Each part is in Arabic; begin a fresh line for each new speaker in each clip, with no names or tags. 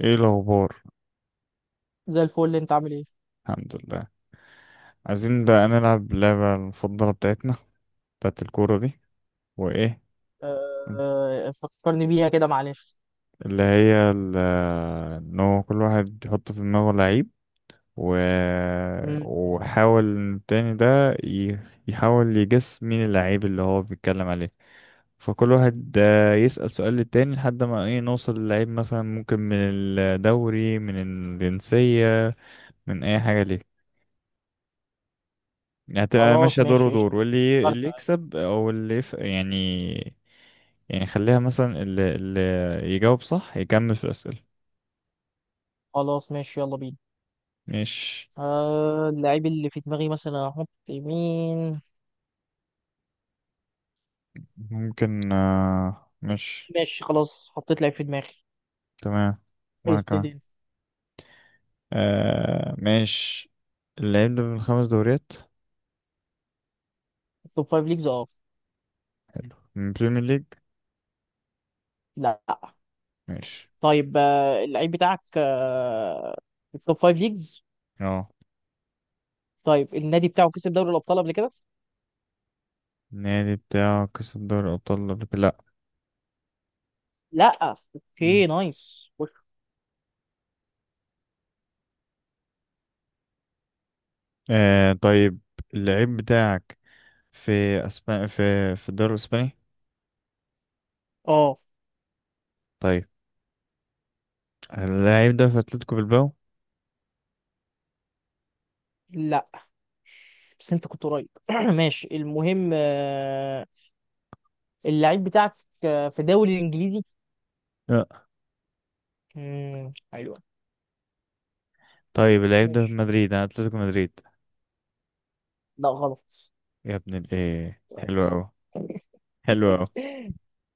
ايه الاخبار؟
زي الفل، انت عامل ايه؟
الحمد لله. عايزين بقى نلعب اللعبة المفضلة بتاعتنا بتاعت الكورة دي. وايه،
آه، فكرني بيها كده، معلش.
اللي هي ال- ان هو كل واحد يحط في دماغه لعيب و...
مم.
وحاول إن التاني ده ي... يحاول يجس مين اللعيب اللي هو بيتكلم عليه. فكل واحد يسأل سؤال للتاني لحد ما ايه نوصل للعيب، مثلا ممكن من الدوري، من الجنسية، من اي حاجة. ليه هتبقى
خلاص،
ماشية دور
ماشي
ودور،
قشطة.
واللي
فكرت.
اللي يكسب او يعني. يعني خليها مثلا اللي يجاوب صح يكمل في الأسئلة.
خلاص ماشي، يلا بينا.
مش
آه، اللعيب اللي في دماغي مثلا احط مين؟
ممكن، مش
ماشي، خلاص حطيت لعيب في دماغي.
تمام. وانا كمان.
ابتدي انت.
مش اللي هيبدأ من خمس دوريات.
توب فايف ليجز،
حلو، من بريمير ليج.
لا.
ماشي.
طيب، اللعيب بتاعك في التوب فايف ليجز.
اه.
طيب، النادي بتاعه كسب دوري الابطال قبل كده؟
النادي بتاعه كسب دوري الأبطال قبل كده؟ لأ.
لا،
مم.
اوكي نايس.
طيب، اللعيب بتاعك في أسبانيا، في الدوري الإسباني؟
اه،
طيب، اللعيب ده في اتلتيكو بالباو؟
لا، بس انت كنت قريب. ماشي، المهم، اللعيب بتاعك، في دوري الانجليزي.
لا.
حلوة.
طيب، اللعيب ده في
ماشي.
مدريد، انا اتلتيكو مدريد.
لا غلط.
يا ابن الايه، حلو اوي، حلو اوي.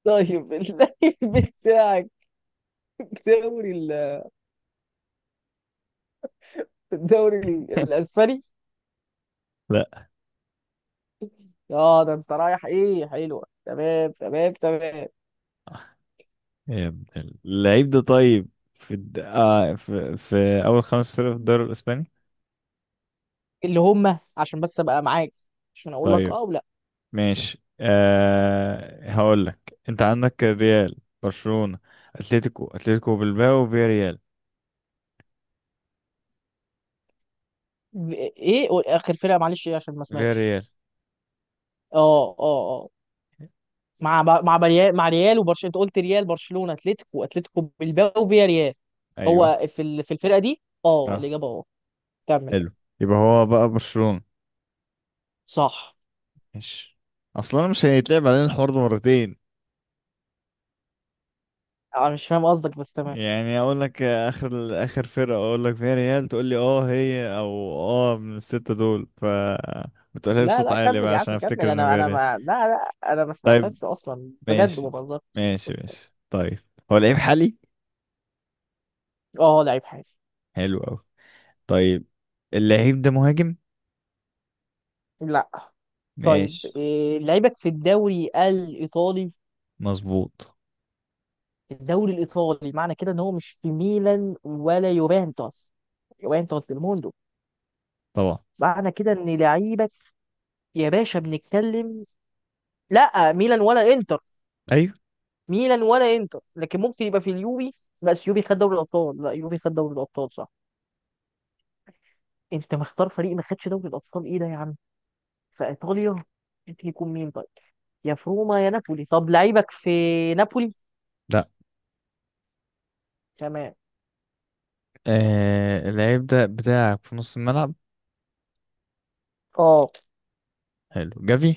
طيب، اللعيب بتاعك في الدوري ال- في الدوري الاسباني؟
لا.
اه، ده انت رايح ايه! حلوة. تمام تمام تمام.
اللعيب ده طيب، في اول خمس فرق في الدوري الاسباني؟
اللي هم عشان بس ابقى معاك، عشان اقول لك
طيب
اه ولا
ماشي، هقول لك، انت عندك الريال، برشلونة، اتلتيكو، اتلتيكو بالباو، فيا ريال.
ايه. اخر فرقة، معلش ايه، عشان ما
فيا
سمعتش.
ريال.
اه، اه، آه. مع مع بريال، مع ريال وبرشلونه. انت قلت ريال، برشلونه، اتلتيكو بالباو، وفيا ريال. هو
ايوه.
في في الفرقه دي؟ اه،
اه.
الاجابه اه. كمل.
حلو، يبقى هو بقى برشلونة.
صح.
ماشي. اصلا مش هيتلعب علينا الحوار ده مرتين.
انا مش فاهم قصدك، بس تمام.
يعني اقول لك اخر اخر فرقه اقول لك فيها ريال تقول لي اه هي، او اه من السته دول، بتقولها لي
لا
بصوت
لا،
عالي
كمل
بقى
يا عم،
عشان
كمل،
افتكر ان
انا
فيها
انا
ريال.
ما، لا لا، انا ما
طيب
سمعتكش اصلا، بجد ما
ماشي.
بهزرش.
ماشي ماشي. طيب، هو لعيب حالي؟
اه، لعيب حالي.
حلو قوي. طيب، اللعيب ده مهاجم؟
لا. طيب،
ماشي.
إيه لعيبك في الدوري الايطالي؟
مظبوط.
الدوري الايطالي، معنى كده ان هو مش في ميلان ولا يوفنتوس. يوفنتوس ديل موندو.
طبعا.
معنى كده ان لعيبك، يا باشا بنتكلم، لا ميلان ولا انتر.
ايوه.
ميلان ولا انتر، لكن ممكن يبقى في اليوفي. بس يوفي خد دوري الابطال. لا، يوفي خد دوري الابطال صح. انت مختار فريق ما خدش دوري الابطال؟ ايه ده يا عم! في ايطاليا ممكن يكون مين طيب؟ يا فروما يا نابولي. طب لعيبك في نابولي؟
لا.
تمام.
اللعيب ده بتاعك في نص الملعب؟
اه.
حلو، جافي.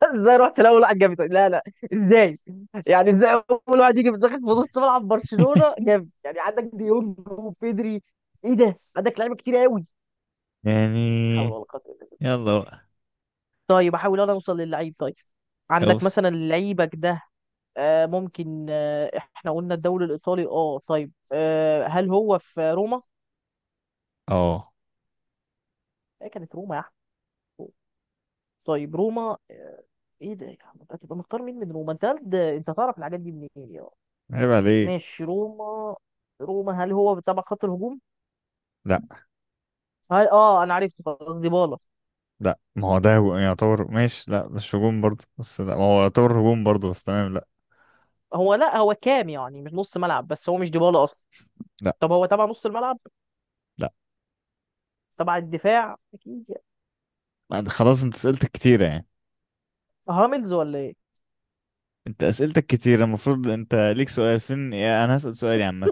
ازاي رحت الاول واحد جاب إيطاليا؟ لا لا. ازاي؟ يعني ازاي اول واحد يجي في داخل في نص ملعب برشلونه جاب؟ يعني عندك ديونج وبيدري، ايه ده، عندك لعيبه كتير قوي. حول
يعني
ولا قوه إلا بالله.
يلا بقى
طيب، احاول انا اوصل للعيب طيب. عندك
اوصل.
مثلا لعيبك ده، ممكن، احنا قلنا الدوري الايطالي، اه طيب، هل هو في روما؟
اه
ايه كانت روما يا احمد! طيب روما، ايه ده يا احمد، هتبقى مختار مين من روما؟ انت تعرف الحاجات دي منين يا عم؟
عيب عليك.
ماشي، روما. روما، هل هو تبع خط الهجوم؟
لا
هل، انا عرفت خلاص، ديبالا.
لا، ما هو ده يعتبر، ماشي لا مش هجوم برضه بس، لا ما هو يعتبر هجوم برضه بس تمام. لا
هو لا، هو كام يعني، مش نص ملعب، بس هو مش ديبالا اصلا.
لا
طب هو تبع نص الملعب؟
لا.
تبع الدفاع؟ اكيد يعني.
بعد خلاص انت اسئلتك كتيرة يعني،
هاملز ولا ايه؟
انت اسئلتك كتيرة، المفروض انت ليك سؤال، فين يا انا هسأل سؤالي عامة،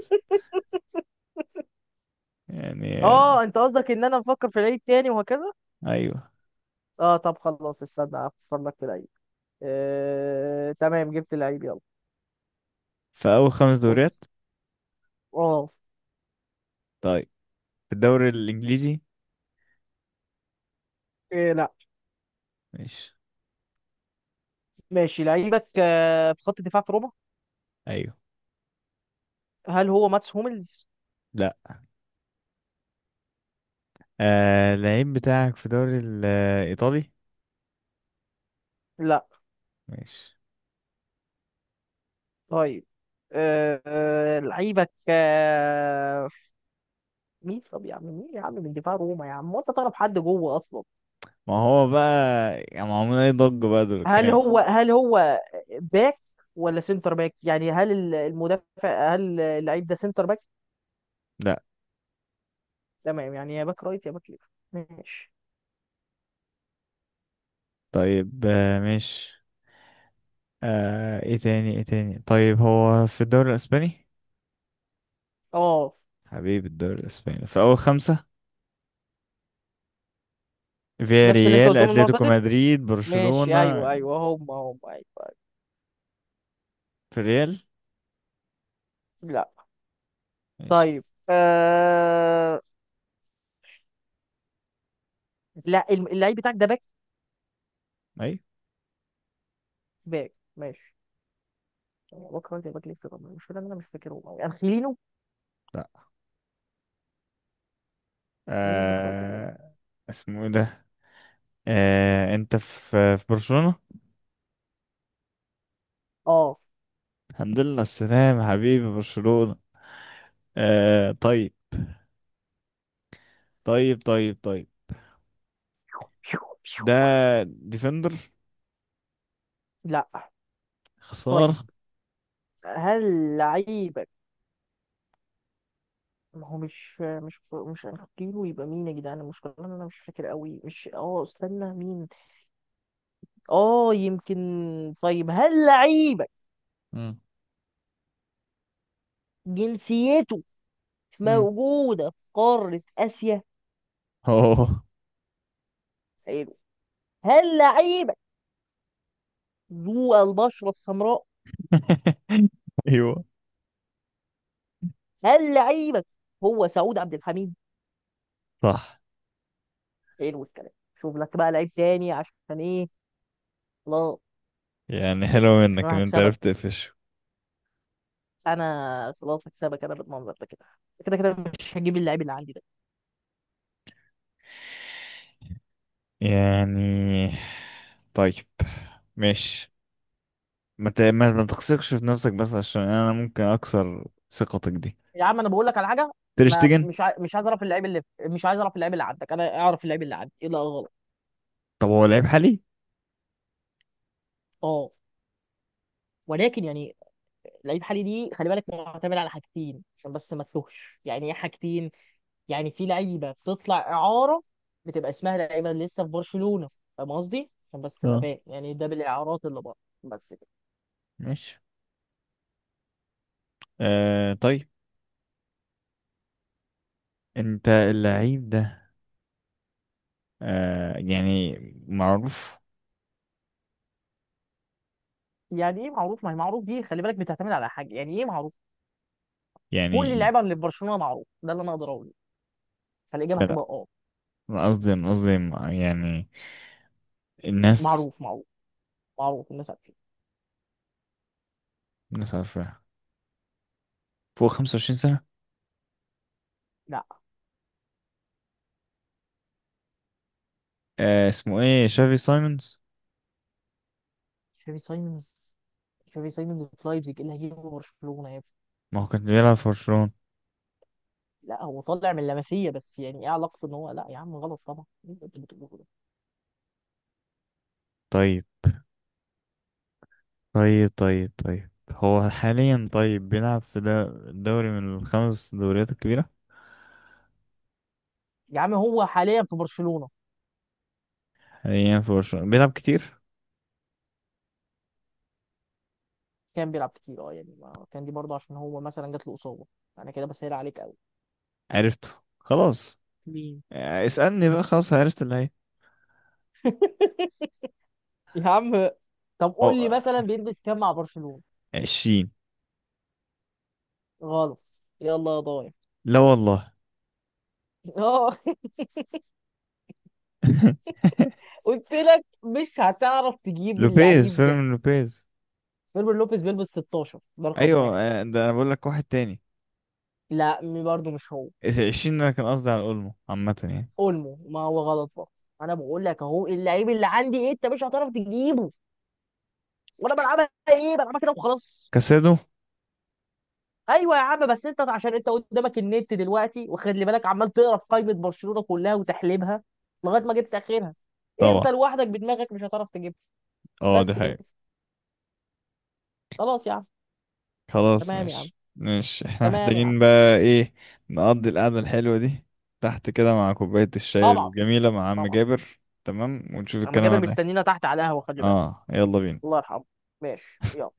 يعني،
اه، انت قصدك ان انا بفكر في العيد تاني وهكذا.
ايوه.
اه، طب خلاص، استنى افكر لك في العيد. آه، تمام، جبت العيد، يلا.
في اول خمس
بص.
دوريات؟
اه.
طيب، في الدوري الانجليزي؟
إيه، لا.
ماشي.
ماشي، لعيبك آه، في خط دفاع في ربع.
ايوه.
هل هو ماتس هوملز؟
لا. اللعيب بتاعك في الدوري الايطالي؟
لا.
ماشي.
طيب، لعيبك مين؟ طب يا عم، مين يا عم من دفاع روما يا عم وانت تعرف حد جوه اصلا؟
ما هو بقى، يعني معمول اي ضجة بقى دول
هل
كام؟
هو هل هو باك ولا سنتر باك؟ يعني هل المدافع، هل اللعيب ده سنتر باك؟
لا.
تمام، يعني يا باك رايت يا باك ليفت. ماشي.
طيب ماشي، ايه تاني ايه تاني، طيب هو في الدوري الاسباني؟
اه.
حبيب، الدوري الاسباني في اول خمسة، فيا
نفس اللي انت
ريال،
قلتهم المره اللي
اتلتيكو
فاتت.
مدريد،
ماشي،
برشلونة.
ايوه ايوه، هم هم، ايوه، أيوة.
في ريال؟
لا.
ماشي.
طيب، آه... لا، اللعيب بتاعك ده باك.
اي.
باك، ماشي. باك رايت يا باك ليفت. طب مش، انا مش فاكرهم قوي، انخيلينو؟
لا.
مين الباك رايت يا جدعان؟
آه اسمه ايه ده؟ انت في برشلونة؟
اه،
الحمد لله على السلامة حبيبي برشلونة. طيب. طيب طيب طيب.
بيو بيو.
ده ديفندر؟
لا. طيب،
خسارة.
هل لعيبك، ما هو مش انخيلينو، يبقى مين يا جدعان؟ المشكله ان انا مش فاكر قوي، مش، استنى مين. اه، يمكن. طيب، هل لعيبك
مم.
جنسيته
مم.
موجودة في قارة آسيا؟
اوه.
حلو. هل لعيبك ذو البشرة السمراء؟
ايوه.
هل لعيبك هو سعود عبد الحميد؟
صح.
حلو الكلام. شوف لك بقى لعيب تاني، عشان ايه؟ لا،
يعني حلو
عشان
منك
انا
ان انت
هكسبك.
عرفت تقفش.
انا خلاص هكسبك، انا بالمنظر ده كده. كده كده مش هجيب اللعيب اللي عندي ده.
يعني طيب ماشي، ما ت- ما ما تثقش في نفسك بس، عشان انا ممكن اكسر ثقتك دي.
يا عم، انا بقول لك على حاجة. ما
تريشتجن.
مش عايز اعرف اللعيب اللي، مش عايز اعرف اللعيب اللي عندك، انا اعرف اللعيب اللي عندي ايه. لا غلط.
طب هو لعيب حالي.
اه، ولكن يعني، لعيب حالي دي خلي بالك معتمد على حاجتين، عشان بس ما تتوهش. يعني ايه حاجتين؟ يعني في لعيبه بتطلع اعاره، بتبقى اسمها لعيبه اللي لسه في برشلونه. فاهم قصدي؟ عشان بس تبقى
اه
فاهم، يعني ده بالاعارات اللي بره. بس كده.
ماشي. طيب، انت اللعيب ده يعني معروف؟
يعني ايه معروف؟ ما هي معروف دي خلي بالك بتعتمد على حاجه. يعني ايه معروف؟ كل
يعني
اللعيبه اللي في برشلونه معروف، ده اللي انا اقدر اقوله. فالاجابه هتبقى
لا،
اه.
أنا قصدي، يعني الناس،
معروف معروف، معروف، الناس عارفين.
الناس عارفاه، فوق 25 سنة.
لا.
اسمه ايه، شافي سايمونز؟
تشافي سايمونز. تشافي سايمونز في لايبزيج، ايه اللي هيجيبه برشلونه يا ابني؟
ما هو كان بيلعب في برشلونة.
لا، هو طالع من لاماسيا، بس يعني ايه علاقته، ان هو، لا يا عم غلط طبعا. إيه اللي انت بتقوله ده؟
طيب طيب طيب. طيب، هو حاليا طيب بيلعب في ده، دوري من الخمس دوريات الكبيرة؟
يا عم هو حاليا في برشلونة.
حاليا في برشلونة بيلعب كتير.
كان بيلعب كتير، اه، يعني ما كان دي برضه عشان هو مثلا جات له اصابة. انا كده بسهل عليك قوي.
عرفته. خلاص.
مين؟
اسألني بقى، خلاص عرفت اللي هي.
يا عم. طب قول
أو،
لي مثلا بيلبس كام مع برشلونة؟
عشرين.
غلط. يلا يا ضايع.
لا والله.
اه. قلت لك مش هتعرف تجيب اللعيب ده.
فيرمين لوبيز.
فيرمين لوبيز بيلبس 16، ده رقم
أيوة،
واحد.
ده أنا بقول لك واحد تاني،
لا، برضه مش هو.
عشرين ده أنا كان قصدي على أولمو عامة يعني.
اولمو، ما هو غلط برضه. انا بقول لك اهو، اللعيب اللي عندي ايه انت مش هتعرف تجيبه. وانا بلعبها ايه؟ بلعبها كده وخلاص.
كاسادو.
ايوه يا عم، بس انت عشان انت قدامك النت دلوقتي، وخلي بالك عمال تقرا في قائمه برشلونه كلها وتحليلها لغايه ما جبت اخرها. انت
طبعا.
لوحدك بدماغك مش هتعرف تجيبها.
اه ده.
بس كده. خلاص يا عم.
خلاص
تمام يا عم،
مش احنا
تمام يا عم.
محتاجين بقى ايه، نقضي القعدة الحلوة دي تحت كده، مع كوباية الشاي
طبعا.
الجميلة، مع عم
طبعا.
جابر، تمام، ونشوف
اما جابر
الكلام ده.
مستنينا تحت على القهوه، خلي بالك.
اه يلا بينا.
الله يرحمه. ماشي، يلا.